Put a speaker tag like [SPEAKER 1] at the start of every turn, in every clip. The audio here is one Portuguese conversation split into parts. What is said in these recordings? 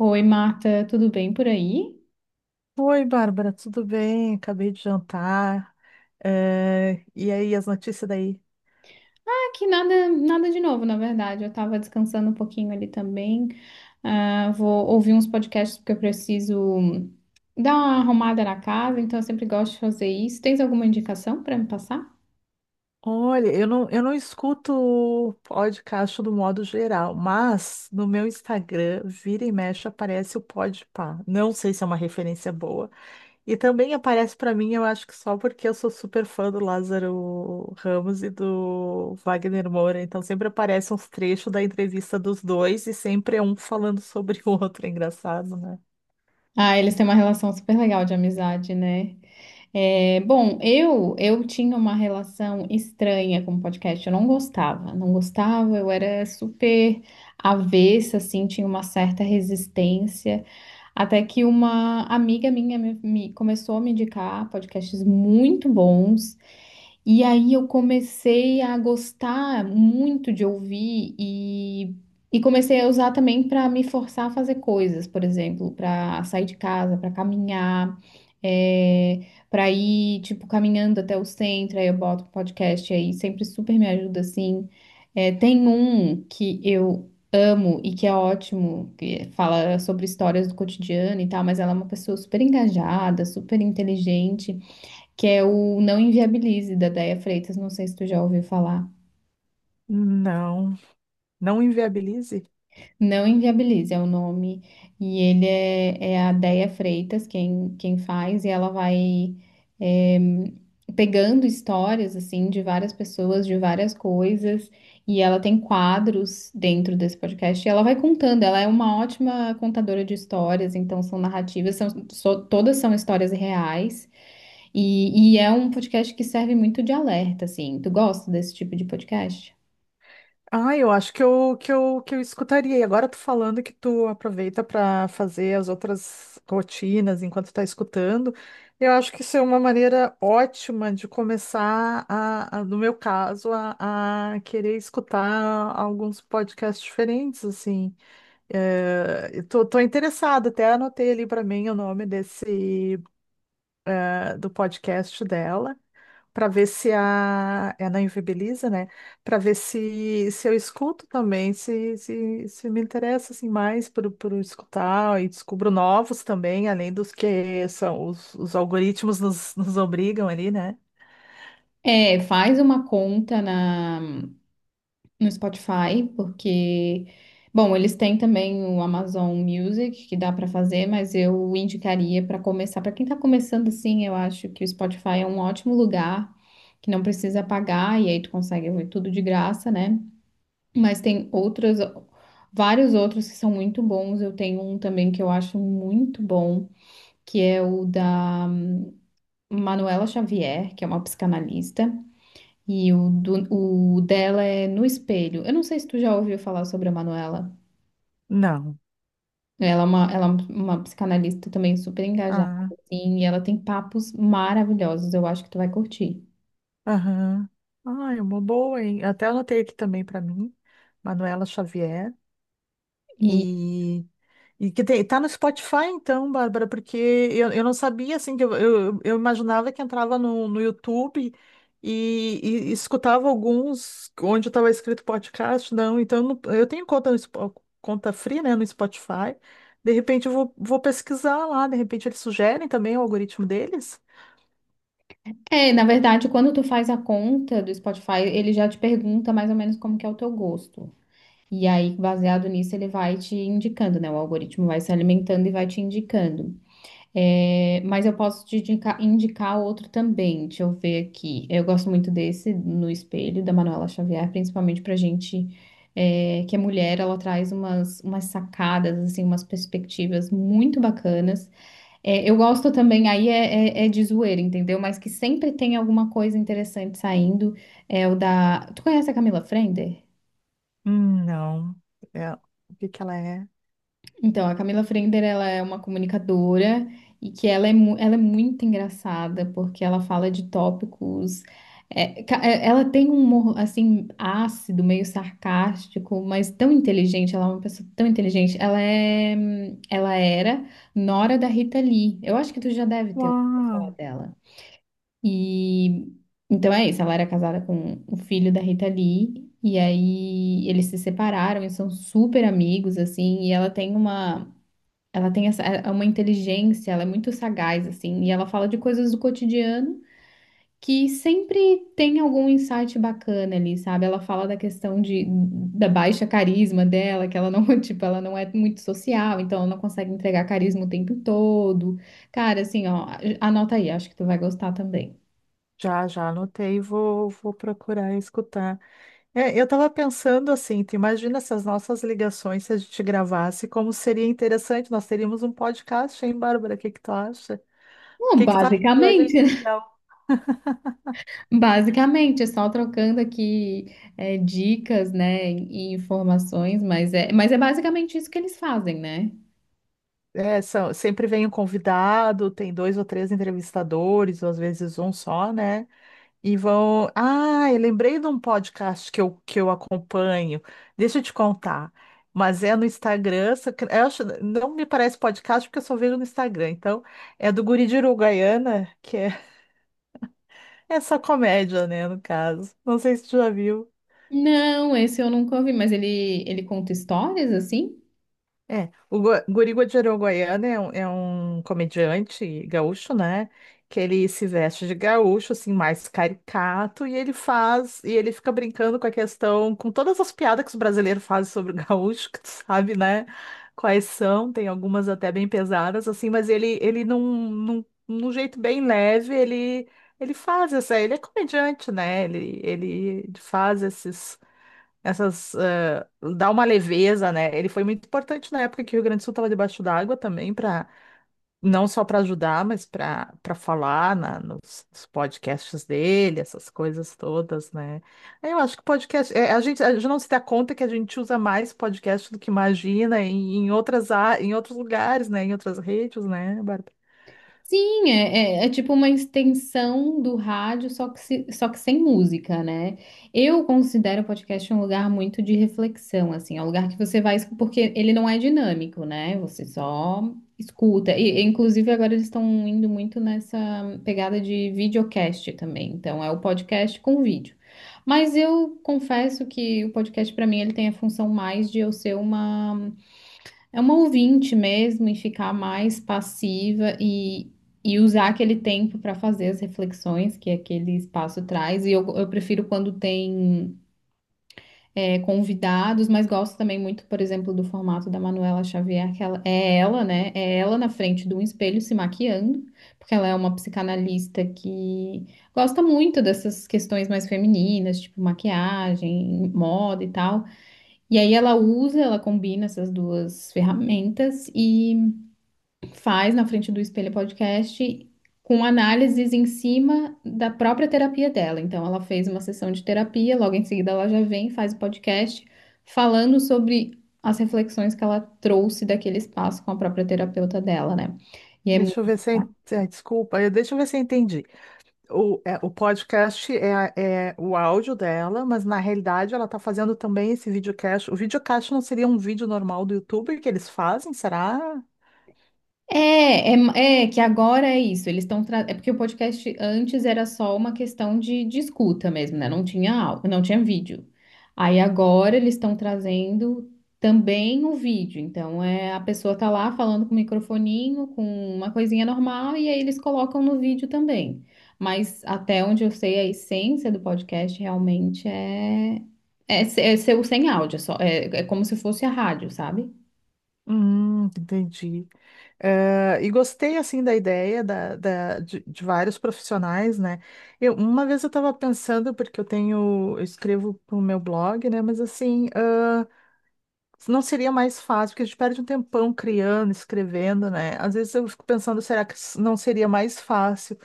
[SPEAKER 1] Oi, Marta, tudo bem por aí?
[SPEAKER 2] Oi, Bárbara, tudo bem? Acabei de jantar. E aí, as notícias daí?
[SPEAKER 1] Aqui nada, nada de novo, na verdade. Eu tava descansando um pouquinho ali também. Ah, vou ouvir uns podcasts porque eu preciso dar uma arrumada na casa, então eu sempre gosto de fazer isso. Tens alguma indicação para me passar?
[SPEAKER 2] Olha, eu não escuto podcast do modo geral, mas no meu Instagram, vira e mexe, aparece o Podpah. Não sei se é uma referência boa. E também aparece para mim, eu acho que só porque eu sou super fã do Lázaro Ramos e do Wagner Moura. Então sempre aparecem uns trechos da entrevista dos dois e sempre é um falando sobre o outro. É engraçado, né?
[SPEAKER 1] Ah, eles têm uma relação super legal de amizade, né? É, bom, eu tinha uma relação estranha com podcast. Eu não gostava, não gostava. Eu era super avessa, assim, tinha uma certa resistência. Até que uma amiga minha começou a me indicar podcasts muito bons e aí eu comecei a gostar muito de ouvir e comecei a usar também para me forçar a fazer coisas, por exemplo, para sair de casa, para caminhar, é, para ir tipo caminhando até o centro, aí eu boto um podcast aí, sempre super me ajuda assim. É, tem um que eu amo e que é ótimo, que fala sobre histórias do cotidiano e tal, mas ela é uma pessoa super engajada, super inteligente que é o Não Inviabilize, da Déia Freitas, não sei se tu já ouviu falar.
[SPEAKER 2] Não. Não inviabilize?
[SPEAKER 1] Não Inviabilize é o nome, e é a Déia Freitas quem faz, e ela vai eh, pegando histórias, assim, de várias pessoas, de várias coisas, e ela tem quadros dentro desse podcast, e ela vai contando, ela é uma ótima contadora de histórias, então são narrativas, todas são histórias reais, e é um podcast que serve muito de alerta, assim. Tu gosta desse tipo de podcast?
[SPEAKER 2] Ah, eu acho que eu escutaria. E agora tu falando que tu aproveita para fazer as outras rotinas enquanto tá escutando, eu acho que isso é uma maneira ótima de começar no meu caso, a querer escutar alguns podcasts diferentes, assim. É, tô interessada, até anotei ali para mim o nome desse, do podcast dela. Para ver se a é na Invibiliza, né? Para ver se eu escuto também, se me interessa assim mais por escutar e descubro novos também, além dos que são os algoritmos nos obrigam ali, né?
[SPEAKER 1] É, faz uma conta no Spotify, porque, bom, eles têm também o Amazon Music, que dá para fazer, mas eu indicaria para começar. Para quem está começando assim, eu acho que o Spotify é um ótimo lugar, que não precisa pagar, e aí tu consegue ouvir tudo de graça, né? Mas tem outros, vários outros que são muito bons. Eu tenho um também que eu acho muito bom que é o da Manuela Xavier, que é uma psicanalista, e o, do, o dela é No Espelho. Eu não sei se tu já ouviu falar sobre a Manuela.
[SPEAKER 2] Não.
[SPEAKER 1] Ela é uma psicanalista também super engajada,
[SPEAKER 2] Ah,
[SPEAKER 1] assim, e ela tem papos maravilhosos, eu acho que tu vai curtir.
[SPEAKER 2] aham. Ah, é uma boa, hein? Até anotei aqui também para mim, Manuela Xavier.
[SPEAKER 1] E
[SPEAKER 2] E, e que tem, tá no Spotify então, Bárbara, porque eu não sabia, assim, eu imaginava que entrava no YouTube e, e escutava alguns onde estava escrito podcast, não, então não- eu tenho conta, no Spo- conta free, né, no Spotify, de repente vou pesquisar lá, de repente eles sugerem também o algoritmo deles?
[SPEAKER 1] é, na verdade, quando tu faz a conta do Spotify, ele já te pergunta mais ou menos como que é o teu gosto. E aí, baseado nisso, ele vai te indicando, né? O algoritmo vai se alimentando e vai te indicando. É, mas eu posso indicar, outro também. Deixa eu ver aqui. Eu gosto muito desse No Espelho da Manuela Xavier, principalmente pra gente que é mulher, ela traz umas, umas sacadas, assim, umas perspectivas muito bacanas. É, eu gosto também, aí é de zoeira, entendeu? Mas que sempre tem alguma coisa interessante saindo. É o da. Tu conhece a Camila Frender?
[SPEAKER 2] Não, é, o que que ela é?
[SPEAKER 1] Então, a Camila Frender, ela é uma comunicadora e que ela ela é muito engraçada porque ela fala de tópicos. Ela tem um humor, assim, ácido, meio sarcástico, mas tão inteligente. Ela é uma pessoa tão inteligente. Ela é, ela era nora da Rita Lee. Eu acho que tu já deve ter ouvido falar
[SPEAKER 2] Uau,
[SPEAKER 1] dela. E então é isso, ela era casada com o filho da Rita Lee, e aí eles se separaram e são super amigos, assim, e ela tem uma, ela tem essa, é uma inteligência, ela é muito sagaz, assim, e ela fala de coisas do cotidiano que sempre tem algum insight bacana ali, sabe? Ela fala da questão de, da baixa carisma dela, que ela não, tipo, ela não é muito social, então ela não consegue entregar carisma o tempo todo. Cara, assim, ó, anota aí, acho que tu vai gostar também.
[SPEAKER 2] já anotei, vou procurar escutar. É, eu estava pensando assim, tu imagina se as nossas ligações, se a gente gravasse, como seria interessante, nós teríamos um podcast, hein, Bárbara? O que que tu acha? O
[SPEAKER 1] Bom,
[SPEAKER 2] que que tu acha da
[SPEAKER 1] basicamente,
[SPEAKER 2] gente?
[SPEAKER 1] né?
[SPEAKER 2] Não.
[SPEAKER 1] Basicamente, é só trocando aqui dicas, né, e informações, mas é basicamente isso que eles fazem, né?
[SPEAKER 2] É, são, sempre vem um convidado, tem dois ou três entrevistadores, ou às vezes um só, né? E vão. Ah, eu lembrei de um podcast que eu acompanho. Deixa eu te contar. Mas é no Instagram, só que- eu acho- não me parece podcast porque eu só vejo no Instagram. Então, é do Guri de Uruguaiana, que é. É só comédia, né, no caso. Não sei se tu já viu.
[SPEAKER 1] Não, esse eu nunca ouvi, mas ele conta histórias assim?
[SPEAKER 2] É, o Go Guri Guajarão Goiano é é um comediante gaúcho, né? Que ele se veste de gaúcho, assim, mais caricato, e ele faz, e ele fica brincando com a questão, com todas as piadas que os brasileiros fazem sobre o gaúcho, que tu sabe, né? Quais são, tem algumas até bem pesadas, assim, mas ele num jeito bem leve, ele faz essa, ele é comediante, né? Ele faz esses. Essas, dá uma leveza, né? Ele foi muito importante na época que o Rio Grande do Sul estava debaixo d'água também, para não só para ajudar, mas para falar na, nos podcasts dele, essas coisas todas, né? Eu acho que podcast, a gente não se dá conta que a gente usa mais podcast do que imagina em outras, a- em outros lugares, né? Em outras redes, né, Bárbara?
[SPEAKER 1] Sim, é tipo uma extensão do rádio, só que, se- só que sem música, né? Eu considero o podcast um lugar muito de reflexão, assim, é um lugar que você vai, porque ele não é dinâmico, né? Você só escuta. Inclusive, agora eles estão indo muito nessa pegada de videocast também. Então, é o podcast com vídeo. Mas eu confesso que o podcast, para mim, ele tem a função mais de eu ser uma. É uma ouvinte mesmo e ficar mais passiva e usar aquele tempo para fazer as reflexões que aquele espaço traz. E eu prefiro quando tem convidados, mas gosto também muito, por exemplo, do formato da Manuela Xavier, que ela, é ela, né? É ela na frente de um espelho se maquiando, porque ela é uma psicanalista que gosta muito dessas questões mais femininas, tipo maquiagem, moda e tal. E aí ela usa, ela combina essas duas ferramentas e faz na frente do espelho podcast com análises em cima da própria terapia dela. Então, ela fez uma sessão de terapia, logo em seguida ela já vem, faz o podcast falando sobre as reflexões que ela trouxe daquele espaço com a própria terapeuta dela, né? E é muito
[SPEAKER 2] Deixa eu ver se eu, en- desculpa, eu- deixa eu ver se eu entendi. O podcast é, é o áudio dela, mas na realidade ela está fazendo também esse videocast. O videocast não seria um vídeo normal do YouTube que eles fazem, será?
[SPEAKER 1] é, é, é que agora é isso. Eles estão tra... é porque o podcast antes era só uma questão de escuta mesmo, né? Não tinha áudio, não tinha vídeo. Aí agora eles estão trazendo também o vídeo. Então é a pessoa tá lá falando com o microfoninho, com uma coisinha normal e aí eles colocam no vídeo também. Mas até onde eu sei, a essência do podcast realmente é ser o sem áudio, é só como se fosse a rádio, sabe?
[SPEAKER 2] Entendi. E gostei assim da ideia de vários profissionais, né? Eu, uma vez eu estava pensando, porque eu tenho, eu escrevo para o meu blog, né? Mas assim. Não seria mais fácil, porque a gente perde um tempão criando, escrevendo, né? Às vezes eu fico pensando, será que s- não seria mais fácil?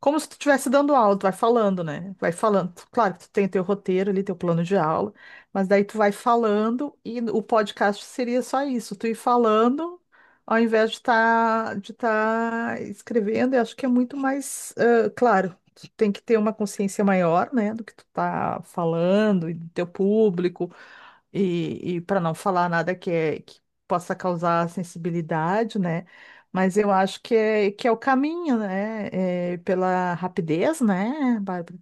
[SPEAKER 2] Como se tu estivesse dando aula, tu vai falando, né? Vai falando. Tu- Claro que tu tem teu roteiro ali, teu plano de aula, mas daí tu vai falando e o podcast seria só isso, tu ir falando ao invés de estar de tá escrevendo. Eu acho que é muito mais, ah, claro, tu tem que ter uma consciência maior, né, do que tu tá falando e do teu público e para não falar nada que, é, que possa causar sensibilidade, né? Mas eu acho que é o caminho, né? É, pela rapidez, né, Bárbara?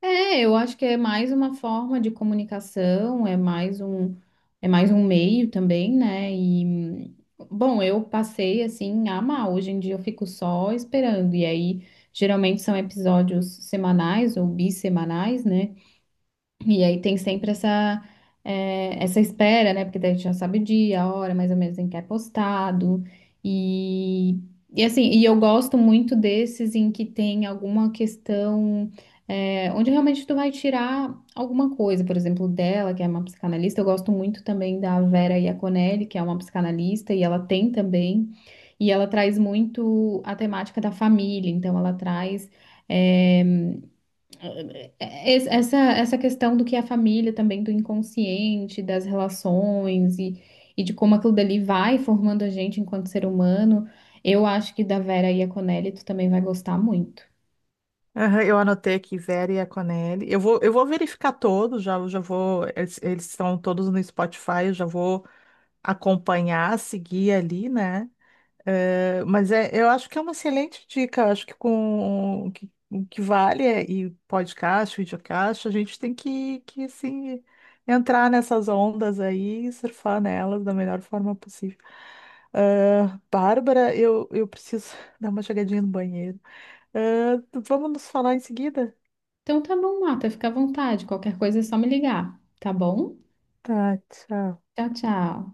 [SPEAKER 1] É, eu acho que é mais uma forma de comunicação, é mais um meio também, né? E bom, eu passei assim a amar. Hoje em dia eu fico só esperando. E aí, geralmente são episódios semanais ou bissemanais, né? E aí tem sempre essa, essa espera, né? Porque daí a gente já sabe o dia, a hora, mais ou menos em que é postado. E, e eu gosto muito desses em que tem alguma questão, onde realmente tu vai tirar alguma coisa, por exemplo, dela, que é uma psicanalista. Eu gosto muito também da Vera Iaconelli, que é uma psicanalista, e ela tem também, e ela traz muito a temática da família, então ela traz. eh, Essa, essa questão do que é a família também, do inconsciente, das relações e de como aquilo dali vai formando a gente enquanto ser humano, eu acho que da Vera e a Conelli tu também vai gostar muito.
[SPEAKER 2] Aham, eu anotei aqui Vera e a Conelli. Eu vou verificar todos, já vou. Eles estão todos no Spotify, eu já vou acompanhar, seguir ali, né? Eu acho que é uma excelente dica. Acho que com o que vale é, e podcast, videocast, a gente tem que assim, entrar nessas ondas aí e surfar nelas da melhor forma possível. Ah, Bárbara, eu preciso dar uma chegadinha no banheiro. Ah, vamos nos falar em seguida?
[SPEAKER 1] Então tá bom, Marta, fica à vontade. Qualquer coisa é só me ligar, tá bom?
[SPEAKER 2] Tá, tchau.
[SPEAKER 1] Tchau, tchau.